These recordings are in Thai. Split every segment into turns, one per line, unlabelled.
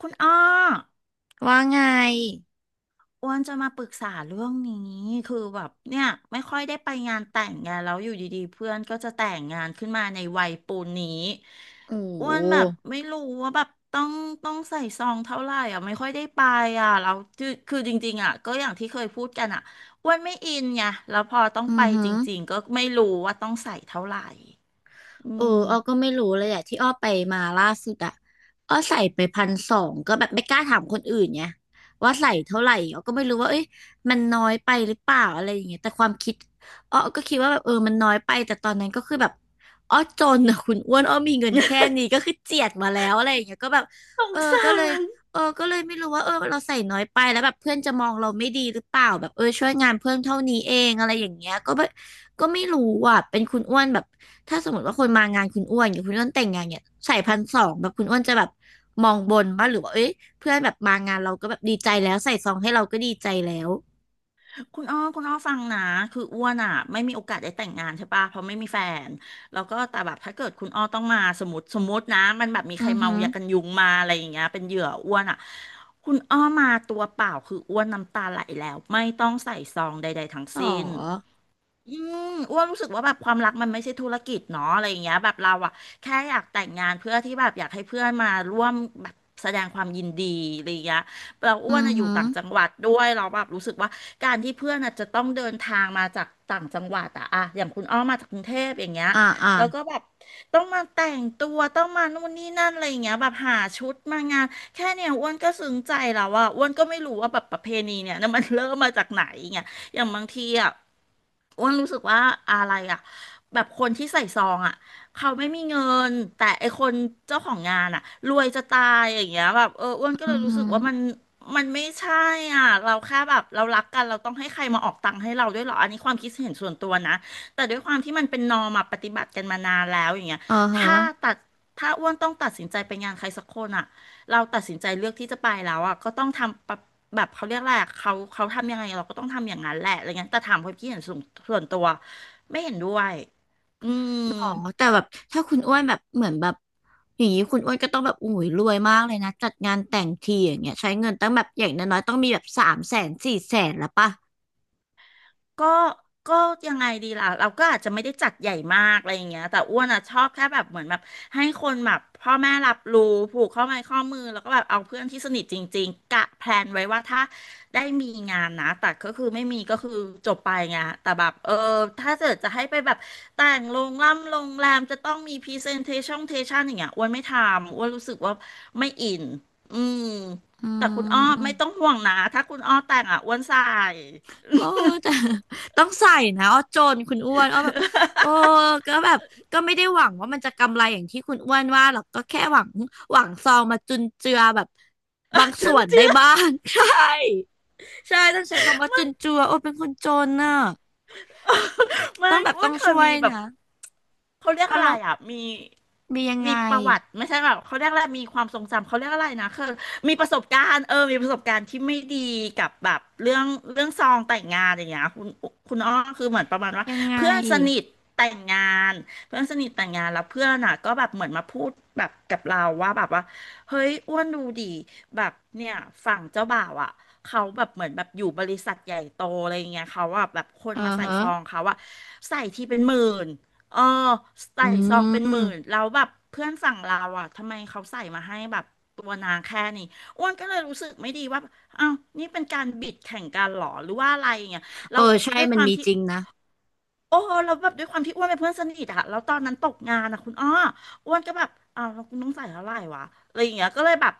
คุณอ้อ
ว่าไง
อ้วนจะมาปรึกษาเรื่องนี้คือแบบเนี่ยไม่ค่อยได้ไปงานแต่งไงานแล้วอยู่ดีๆเพื่อนก็จะแต่งงานขึ้นมาในวัยปูนนี้
โอ้
อ้
โห
วนแบบไม่รู้ว่าแบบต้องใส่ซองเท่าไหร่อ่ะไม่ค่อยได้ไปอ่ะแล้วคือจริงๆอ่ะก็อย่างที่เคยพูดกันอ่ะอ้วนไม่อินไงแล้วพอต้อง
อื
ไป
อหื
จ
อ
ริงๆก็ไม่รู้ว่าต้องใส่เท่าไหร่อื
เออ
ม
อ้อก็ไม่รู้เลยอะที่อ้อไปมาล่าสุดอะอ้อใส่ไปพันสองก็แบบไม่กล้าถามคนอื่นไงว่าใส่เท่าไหร่อ้อก็ไม่รู้ว่าเอ้ยมันน้อยไปหรือเปล่าอะไรอย่างเงี้ยแต่ความคิดอ้อก็คิดว่าแบบเออมันน้อยไปแต่ตอนนั้นก็คือแบบอ้อจนอะคุณอ้วนอ้อมีเงินแค่ นี้ก็คือเจียดมาแล้วอะไรอย่างเงี้ยก็แบบ
สง
เออ
สา
ก็เลย
ร
เออก็เลยไม่รู้ว่าเออเราใส่น้อยไปแล้วแบบเพื่อนจะมองเราไม่ดีหรือเปล่าแบบเออช่วยงานเพื่อนเท่านี้เองอะไรอย่างเงี้ยก็แบบก็ไม่รู้อ่ะเป็นคุณอ้วนแบบ ถ้าสมมติว่าคนมางานคุณอ้วนอย่างคุณอ้วนแต่งงานเนี่ยใส่พันสองแบบคุณอ้วนจะแบบมองบนป่ะหรือว่าเอ้ยเพื่อนแบบมางานเราก็แบบดีใจแล้วใส่ซองให้เราก็ดีใจแล้ว
คุณอ้อคุณอ้อฟังนะคืออ้วนอ่ะไม่มีโอกาสได้แต่งงานใช่ปะเพราะไม่มีแฟนแล้วก็แต่แบบถ้าเกิดคุณอ้อต้องมาสมมติสมมตินะมันแบบมี
อื
ใคร
อ
เมา
หือ
ยากันยุงมาอะไรอย่างเงี้ยเป็นเหยื่ออ้วนอ่ะคุณอ้อมาตัวเปล่าคืออ้วนน้ำตาไหลแล้วไม่ต้องใส่ซองใดๆทั้ง
หร
สิ้น
อ
อืมอ้วนรู้สึกว่าแบบความรักมันไม่ใช่ธุรกิจเนาะอะไรอย่างเงี้ยแบบเราอะแค่อยากแต่งงานเพื่อที่แบบอยากให้เพื่อนมาร่วมแบบแสดงความยินดีอะไรอย่างเงี้ยเราอ้
อื
วน
อ
อะอยู่
หือ
ต่างจังหวัดด้วยเราแบบรู้สึกว่าการที่เพื่อนอะจะต้องเดินทางมาจากต่างจังหวัดอะอย่างคุณอ้อมาจากกรุงเทพอย่างเงี้ย
อ่าอ่า
แล้วก็แบบต้องมาแต่งตัวต้องมานู่นนี่นั่นอะไรอย่างเงี้ยแบบหาชุดมางานแค่เนี่ยอ้วนก็ซึ้งใจแล้วอะอ้วนก็ไม่รู้ว่าแบบประเพณีเนี่ย นะมันเริ่มมาจากไหนอย่างเงี้ยอย่างบางทีอ่ะ อ้วนรู้สึกว่าอะไรอ่ะแบบคนที่ใส่ซองอ่ะเขาไม่มีเงินแต่ไอคนเจ้าของงานอ่ะรวยจะตายอย่างเงี้ยแบบเอออ้วนก็เล
อื
ย
อ
รู้
หื
สึกว่ามัน
อ
มันไม่ใช่อ่ะเราแค่แบบเรารักกันเราต้องให้ใครมาออกตังค์ให้เราด้วยเหรออันนี้ความคิดเห็นส่วนตัวนะแต่ด้วยความที่มันเป็นนอร์มอะปฏิบัติกันมานานแล้วอย่างเงี้ย
อ่าฮะ
ถ้าตัดถ้าอ้วนต้องตัดสินใจไปงานใครสักคนอ่ะ เราตัดสินใจเลือกที่จะไปแล้วอ่ะก็ต้องทำปะแบบเขาเรียกแหละไรอะเขาทำยังไงเราก็ต้องทำอย่างนั้นแหละอะไรเงี้ยแต่ถามความคิดเห็นส่วนตัวไม่เห็นด้วยอืม
หรอแต่แบบถ้าคุณอ้วนแบบเหมือนแบบอย่างนี้คุณอ้วนก็ต้องแบบอุ้ยรวยมากเลยนะจัดงานแต่งทีอย่างเงี้ยใช้เงินตั้งแบบอย่างน้อยๆต้องมีแบบสามแสนสี่แสนละป่ะ
ก็ก็ยังไงดีล่ะ เราก็อาจจะไม่ได้จัดใหญ่มากอะไรอย่างเงี้ยแต่อ้วนอ่ะชอบแค่แบบเหมือนแบบให้คนแบบพ่อแม่รับรู้ผูกข้อไม้ข้อมือแล้วก็แบบเอาเพื่อนที่สนิทจริงๆกะแพลนไว้ว่าถ้าได้มีงานนะแต่ก็คือไม่มีก็คือจบไปไงแต่แบบเออถ้าเกิดจะให้ไปแบบแต่งโรงล่ำโรงแรมจะต้องมีพรีเซนเทชั่นอย่างเงี้ยอ้วนไม่ทำอ้วนรู้สึกว่าไม่อินอืม
อื
แต่คุณอ้อไม่ต้อง
ม
ห่วงนะถ้าคุณอ้อแต่งอ่ะอ้วนใส่
โอ้แต่ ต้องใส่นะอ้อจนคุณอ้วนอ้อแบบโอ้ก็แบบก็ไม่ได้หวังว่ามันจะกำไรอย่างที่คุณอ้วนว่าหรอกก็แค่หวังหวังซองมาจุนเจือแบบบาง
จร
ส่วน
ิ
ได้
งๆ
บ้าง ใช่ใช่ต้องใช้คำว่าจุนเจือโอ้เป็นคนจนน่ะ
ไม่
ต้องแบบ
อ้ว
ต้
น
อง
เคย
ช่ว
มี
ย
แบบ
นะ
เขาเรียก
อา
อะ
ร
ไร
มณ์
อ่ะมี
มียัง
มี
ไง
ประวัติไม่ใช่แบบเขาเรียกอะไรมีความทรงจำเขาเรียกอะไรนะคือมีประสบการณ์เออมีประสบการณ์ที่ไม่ดีกับแบบเรื่องซองแต่งงานอย่างเงี้ยคุณอ้อคือเหมือนประมาณว่า
ยังไง
เพื่อนสนิทแต่งงานเพื่อนสนิทแต่งงานแล้วเพื่อนอ่ะก็แบบเหมือนมาพูดแบบกับเราว่าแบบว่าเฮ้ยอ้วนดูดีแบบเนี่ยฝั่งเจ้าบ่าวอ่ะเขาแบบเหมือนแบบอยู่บริษัทใหญ่โตอะไรเงี้ยเขาว่าแบบคน
อื
มา
อ
ใส่
ฮะ
ซองเขาอะใส่ทีเป็นหมื่น เออใส่
อื
ซองเป็นห
ม
มื่นแล้วแบบเพื่อนฝั่งเราอ่ะทำไมเขาใส่มาให้แบบตัวนาแค่นี้อ้วนก็เลยรู้สึกไม่ดีว่าอ้าวนี่เป็นการบิดแข่งกันเหรอหรือว่าอะไรอย่างเงี้ยแล้
เอ
ว
อใช่
ด้วยค
มัน
วาม
มี
ที่
จริงนะ
โอ้เราแล้วแบบด้วยความที่อ้วนเป็นเพื่อนสนิทอะแล้วตอนนั้นตกงานอะคุณอ้ออ้วนก็แบบอ้าวเราคุณต้องใส่เท่าไหร่วะอะไรอย่างเงี้ยก็เลยแบบ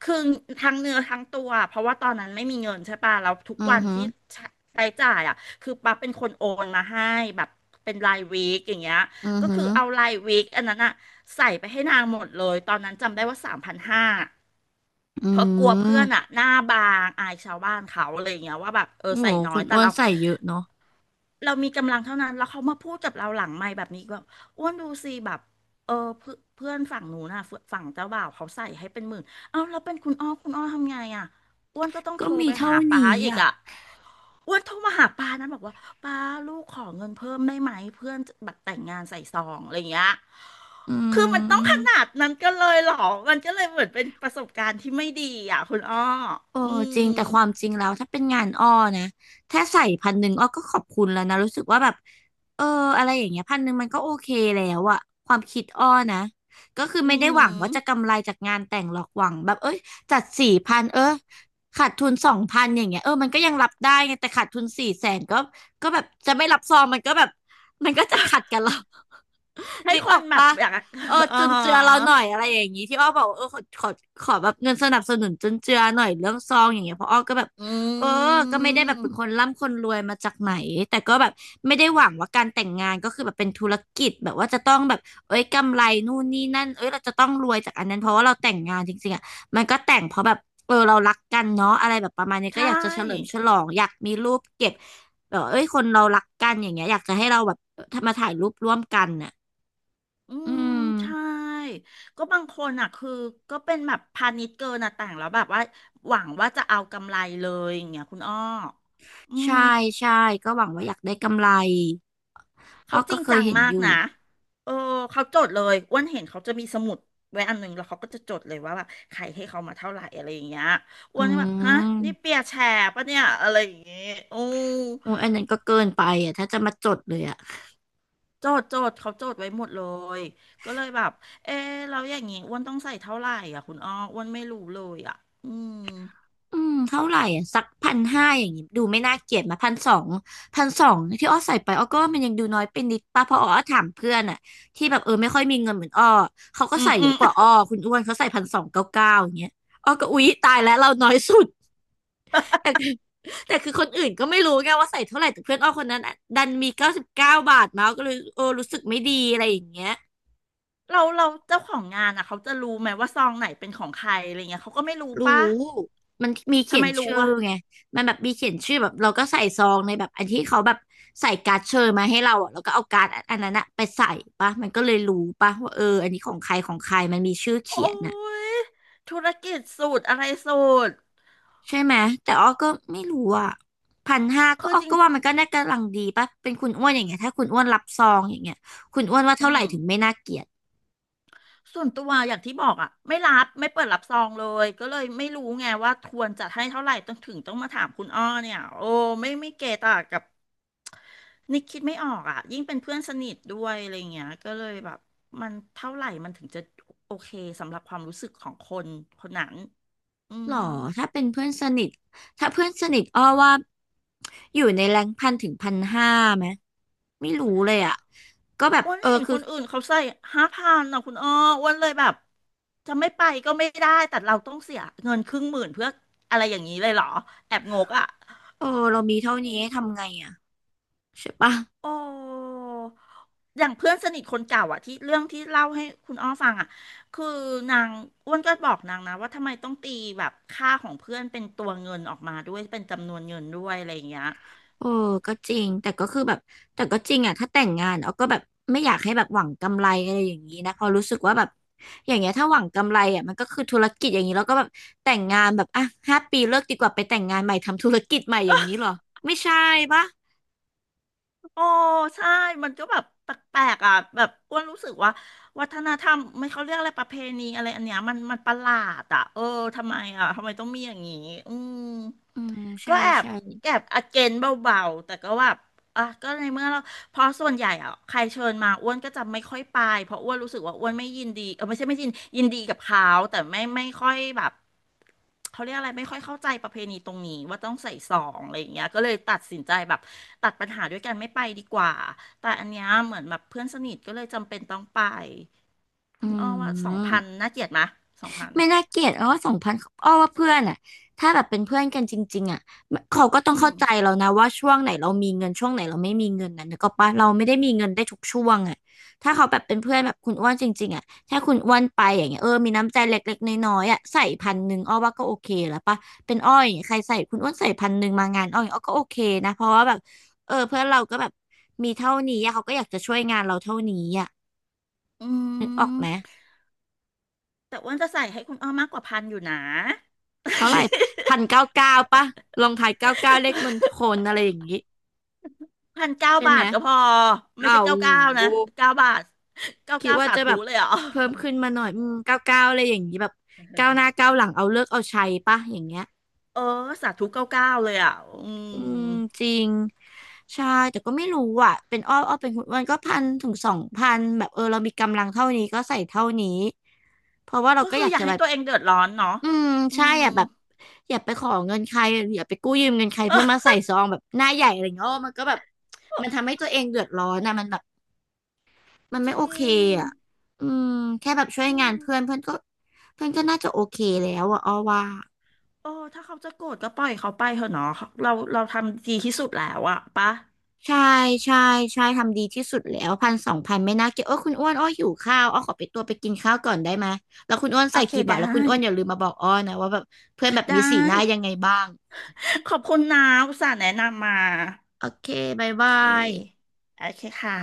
คือทั้งเนื้อทั้งตัวเพราะว่าตอนนั้นไม่มีเงินใช่ปะแล้วทุก
อื
วั
อ
น
ฮึ
ที่ใช้ใช้จ่ายอะคือปั๊บเป็นคนโอนมาให้แบบเป็นรายวีคอย่างเงี้ย
อือ
ก็
ฮึ
คือเอารายวีคอันนั้นอะใส่ไปให้นางหมดเลยตอนนั้นจำได้ว่า3,500
อื
เพราะกลัวเพื่อนอะ
ม
หน้าบางอายชาวบ้านเขาอะไรอย่างเงี้ยว่าแบบเออ
โอ้
ใส่
โห
น้อ
คุ
ย
ณ
แต่
อ้วน
เรา
ใส่เยอะเนาะ
เรามีกำลังเท่านั้น แล้วเขามาพูดกับเราหลังไมค์แบบนี้ก็อ้วนดูสิแบบเออเพื่อนเพื่อนฝั่งหนูน่ะฝั่งเจ้าบ่าวเขาใส่ให้เป็นหมื่น เอ้าแล้วเป็นคุณอ้อคุณอ้อทำไงอ่ะอ้วนก็ต้องโท
ก็
ร
มี
ไป
เท่า
หาป้า
นี้
อีก
อ่ะ
อ่ะอ้วนโทรมาหาป้านะบอกว่าป้าลูกขอเงินเพิ่มได้ไหมเพื่อนแบบแต่งงานใส่ซองอะไรอย่างเงี้ย
อื
คือมันต้องขนา
ม
ดนั้นก็เลยเหรอมันก็เลยเหมือนเป็นประสบการณ์ที่ไม่ดีอ่ะคุณอ้อ
โอ้
อืม
จริงแต่ความจริงแล้วถ้าเป็นงานอ้อนะถ้าใส่พันหนึ่งอ้อก็ขอบคุณแล้วนะรู้สึกว่าแบบ เออ อะไรอย่างเงี้ยพันหนึ่งมันก็โอเคแล้วอะ ความคิดอ้อนะก็คือ
อื
ไม่ได้หวัง
ม
ว่าจะกำไรจากงานแต่งหรอกหวังแบบเอ้ยจัดสี่พันเออขาดทุนสองพันอย่างเงี้ยเออมันก็ยังรับได้ไงแต่ขาดทุนสี่แสนก็แบบจะไม่รับซองมันก็แบบมันก็จะขัดกันแล้ว
ให้
นึก
ค
อ
น
อก
แบบ
ปะ
อยาก
เออ
อ๋อ
จุนเจือเราหน่อยอะไรอย่างนี้ที่อ้อบอกว่าเออขอแบบเงินสนับสนุนจุนเจือหน่อยเรื่องซองอย่างเงี้ยเพราะอ้อก็แบบ
อ
เออ
ื
ก็ไม่ได้แบบเป็นคน
ม
ร่ำคนรวยมาจากไหนแต่ก็แบบไม่ได้หวังว่าการแต่งงานก็คือแบบเป็นธุรกิจแบบว่าจะต้องแบบเอ้ยกำไรนู่นนี่นั่นเอ้ยเราจะต้องรวยจากอันนั้นเพราะว่าเราแต่งงานจริงๆอ่ะมันก็แต่งเพราะแบบเออเรารักกันเนาะอะไรแบบประมาณนี้ก็
ใช่
อยากจะเฉลิมฉลองอยากมีรูปเก็บแบบเอ้ยคนเรารักกันอย่างเงี้ยอยากจะให้เราแบบมาถ่ายรูปร่วมกันน่ะ
อื
อื
ม
ม
ใช่ ก็บางคนอ่ะคือก็เป็นแบบพาณิชย์เกินอ่ะแต่งแล้วแบบว่าหวังว่าจะเอากำไรเลยอย่างเงี้ยคุณอ้ออืม
ใช่ใช่ก็หวังว่าอยากได้กำไรอ้
เขา
อ
จ
ก็
ริง
เค
จั
ย
ง
เห็น
มา
อ
ก
ยู่
นะเออเขาจดเลยอ้วนเห็นเขาจะมีสมุดไว้อันหนึงแล้วเขาก็จะจดเลยว่าแบบใครให้เขามาเท่าไหร่อะไรอย่างเงี้ยอ้
อื
วนก็แบบฮะนี่
ม
เปียร์แชร์ปะเนี่ยอะไรอย่างเงี้ยโอื
โอ้ยอันนั้นก็เกินไปอ่ะถ้าจะมาจดเลยอ่ะ
โจทย์โจทย์เขาโจทย์ไว้หมดเลยก็เลยแบบเออเราอย่างงี้อ้วนต้องใส่เท่าไหร่อ่ะคุณอ้ออ้วนไม่รู้เลยอ่ะอืม
อืมเท่าไหร่อ่ะสักพันห้าอย่างงี้ดูไม่น่าเกลียดมาพันสองพันสองที่อ้อใส่ไปอ้อก็ว่ามันยังดูน้อยไปนิดป่ะเพราะอ้อถามเพื่อนอ่ะที่แบบเออไม่ค่อยมีเงินเหมือนอ้อเขาก็
อืม
ใส่เย
อื
อะ
ม
กว่าอ้อ คุณอ้วนเขาใส่พันสองเก้าเก้าอย่างเงี้ยอ้อก็อุ๊ยตายแล้วเราน้อยสุดแต่ แต่คือคนอื่นก็ไม่รู้ไงว่าใส่เท่าไหร่แต่เพื่อนอ้อคนนั้นอะดันมีเก้าสิบเก้าบาทมาก็เลยเออรู้สึกไม่ดีอะไรอย่างเงี้ย
เราเจ้าของงานอ่ะเขาจะรู้ไหมว่าซองไหนเป็นของใครอะไรเงี้ยเขาก็ไม่รู้
รู้
ป่ะ
มันมีเขี
ทำ
ย
ไม
น
รู้
ชื่อ
อ่ะ
ไงมันแบบมีเขียนชื่อแบบเราก็ใส่ซองในแบบอันที่เขาแบบใส่การ์ดเชิญมาให้เราอ่ะแล้วก็เอาการ์ดอันนั้นอะไปใส่ปะมันก็เลยรู้ปะว่าเอออันนี้ของใครของใครมันมีชื่อ
โอ้
เขียนน่ะ
ยธุรกิจสูตรอะไรสูตร
ใช่ไหมแต่อ้อก็ไม่รู้อ่ะพันห้าก็
คือ
อ้อ
จริง
ก็ว่ามันก็น่ากำลังดีปะเป็นคุณอ้วนอย่างเงี้ยถ้าคุณอ้วนรับซองอย่างเงี้ยคุณอ้วนว่า
อื
เท่าไห
ม
ร่ถึงไม่น่าเกลียด
ส่วนตัวอย่างที่บอกอ่ะไม่รับไม่เปิดรับซองเลยก็เลยไม่รู้ไงว่าควรจะให้เท่าไหร่ต้องถึงต้องมาถามคุณอ้อเนี่ยโอ้ไม่เกตากับ นิกคิดไม่ออกอ่ะยิ่งเป็นเพื่อนสนิทด้วยอะไรเงี้ยก็เลยแบบมันเท่าไหร่มันถึงจะโอเคสำหรับความรู้สึกของคนคนนั้นอื
หร
ม
อถ้าเป็นเพื่อนสนิทถ้าเพื่อนสนิทอ้อว่าอยู่ในแรง1,000 ถึง 1,500ไหมไม่รู้เลยอ่ะก็แบบ
อ้วน
เออ
เห็น
คื
ค
อ
นอื่นเขาใส่ห้าพันนะคุณอ้ออ้วนเลยแบบจะไม่ไปก็ไม่ได้แต่เราต้องเสียเงินครึ่งหมื่นเพื่ออะไรอย่างนี้เลยเหรอแอบงกอ่ะ
เออเรามีเท่านี้ทำไงอ่ะใช่ปะ
โอ้อย่างเพื่อนสนิทคนเก่าอะที่เรื่องที่เล่าให้คุณอ้อฟังอะคือนางอ้วนก็บอกนางนะว่าทำไมต้องตีแบบค่าของเพื่อนเป็นตัวเงินออกมาด้วยเป็นจำนวนเงินด้วยอะไรอย่างเงี้ย
เออก็จริงแต่ก็คือแบบแต่ก็จริงอ่ะถ้าแต่งงานออาก็แบบไม่อยากให้แบบหวังกำไรอะไรอย่างนี้นะเพอรู้สึกว่าแบบอย่างเงี้ยถ้าหวังกำไรอ่ะมันก็คือธุรกิจอย่างนี้แล้วก็แบบแต่งงานแบบอ่ะ5 ปีเลิกดีกว่าไปแต่งงานใหม่ทำธุรกิจใหม่อย่างนี้เหรอไม่ใช่ปะ
โอ้ใช่มันก็แบบแปลกๆอ่ะแบบอ้วนรู้สึกว่าวัฒนธรรมไม่เขาเรียกอะไรประเพณีอะไรอันเนี้ยมันประหลาดอ่ะเออทำไมอ่ะทำไมต้องมีอย่างนี้อืม
อืม
ก็
ใช่
แอบ
ใช่
แอบอเกนเบาๆแต่ก็แบบอ่ะก็ในเมื่อเราเพราะส่วนใหญ่อ่ะใครเชิญมาอ้วนก็จะไม่ค่อยไปเพราะอ้วนรู้สึกว่าอ้วนไม่ยินดีเออไม่ใช่ไม่ยินดีกับเขาแต่ไม่ค่อยแบบ เขาเรียกอะไรไม่ค่อยเข้าใจประเพณีตรงนี้ว่าต้องใส่ซองอะไรอย่างเงี้ยก็เลยตัดสินใจแบบตัดปัญหาด้วยกันไม่ไปดีกว่าแต่อันเนี้ยเหมือนแบบเพื่อนสนิทก็เลยจำเป็นต้องไป
อื
คุณอ้อว่าสองพั
ม
นน่าเกลียดไหมสองพัน
ไม่น่าเกลียดอ้อสองพันอ้อว่าเพื่อนอ่ะถ้าแบบเป็นเพื่อนกันจริงๆอ่ะเขาก็ต้อง
อืม
เข้าใจเรานะว่าช่วงไหนเรามีเงินช่วงไหนเราไม่มีเงินนะนึกออกปะเราไม่ได้มีเงินได้ทุกช่วงอ่ะถ้าเขาแบบเป็นเพื่อนแบบคุณอ้วนจริงๆอ่ะถ้าคุณอ้วนไปอย่างเงี้ยเออมีน้ำใจเล็กๆน้อยๆอ่ะใส่พันหนึ่งอ้อว่าก็โอเคแล้วปะเป็นอ้ออย่างเงี้ยใครใส่คุณอ้วนใส่พันหนึ่งมางานอ้ออย่างเงี้ยอ้อก็โอเคนะเพราะว่าแบบเออเพื่อนเราก็แบบมีเท่านี้อะเขาก็อยากจะช่วยงานเราเท่านี้อ่ะ
อื
นึกออก
ม
ไหม
แต่อ้วนจะใส่ให้คุณอ้อมากกว่าพันอยู่นะ
เท่าไหร่1,999ปะลองทายเก้าเก้าเลขมณฑลอะไรอย่างนี้
พันเก้า
ใช่
บา
ไหม
ทก็พอไม่
อ้า
ใช่
ว
เก้าเก้า
โห
นะเก้าบาทเก้า
คิด
เก้า
ว่า
สา
จะ
ธุ
แบบ
เลยเหรอ
เพิ่มขึ้นมาหน่อยอืมเก้าเก้าอะไรอย่างนี้แบบก้าวหน้าก้าวหลังเอาเลิกเอาชัยปะอย่างเงี้ย
เออสาธุเก้าเก้าเลยอ่ะอืม
อืมจริงใช่แต่ก็ไม่รู้อ่ะเป็นอ้ออ้อเป็นคุณอ้วนก็1,000 ถึง 2,000แบบเออเรามีกำลังเท่านี้ก็ใส่เท่านี้เพราะว่าเรา
ก็
ก็
คื
อ
อ
ยาก
อยาก
จะ
ให้
แบบ
ตัวเองเดือดร้อนเนาะ
อืม
อื
ใช่
ม
อ่ะแบบอย่าไปขอเงินใครอย่าไปกู้ยืมเงินใครเพื่อมาใส่ซองแบบหน้าใหญ่อะไรเงี้ยโอ้มันก็แบบมันทำให้ตัวเองเดือดร้อนนะมันแบบมัน
จร
ไม่โอเค
ิง
อ่ะอืมแค่แบบช่วย
อื
งาน
ม
เพื่อนเพื่อนก็น่าจะโอเคแล้วอ่ะอ้อว่า
เออถ้าเขาจะโกรธก็ปล่อยเขาไปเถอะเนาะเราทำดีที่สุดแล้วอะปะ
ใช่ใช่ใช่ทำดีที่สุดแล้ว1,000 2,000ไม่น่าเกลียดโอ้ยคุณอ้วนอ้อหิวข้าวอ้อขอไปตัวไปกินข้าวก่อนได้ไหมแล้วคุณอ้วน
โอ
ใส่
เค
กี่บาท
ได้
แล้วคุณอ้วนอย่าลืมมาบอกอ้อนะว่าแบบเพื่อนแบบ
ได้
มีสีหน้ายังไงบ้าง
ขอบคุณนะอุตส่าห์แนะนำมา
โอเคบาย
โอเ
บาย
ค โอเคค่ะ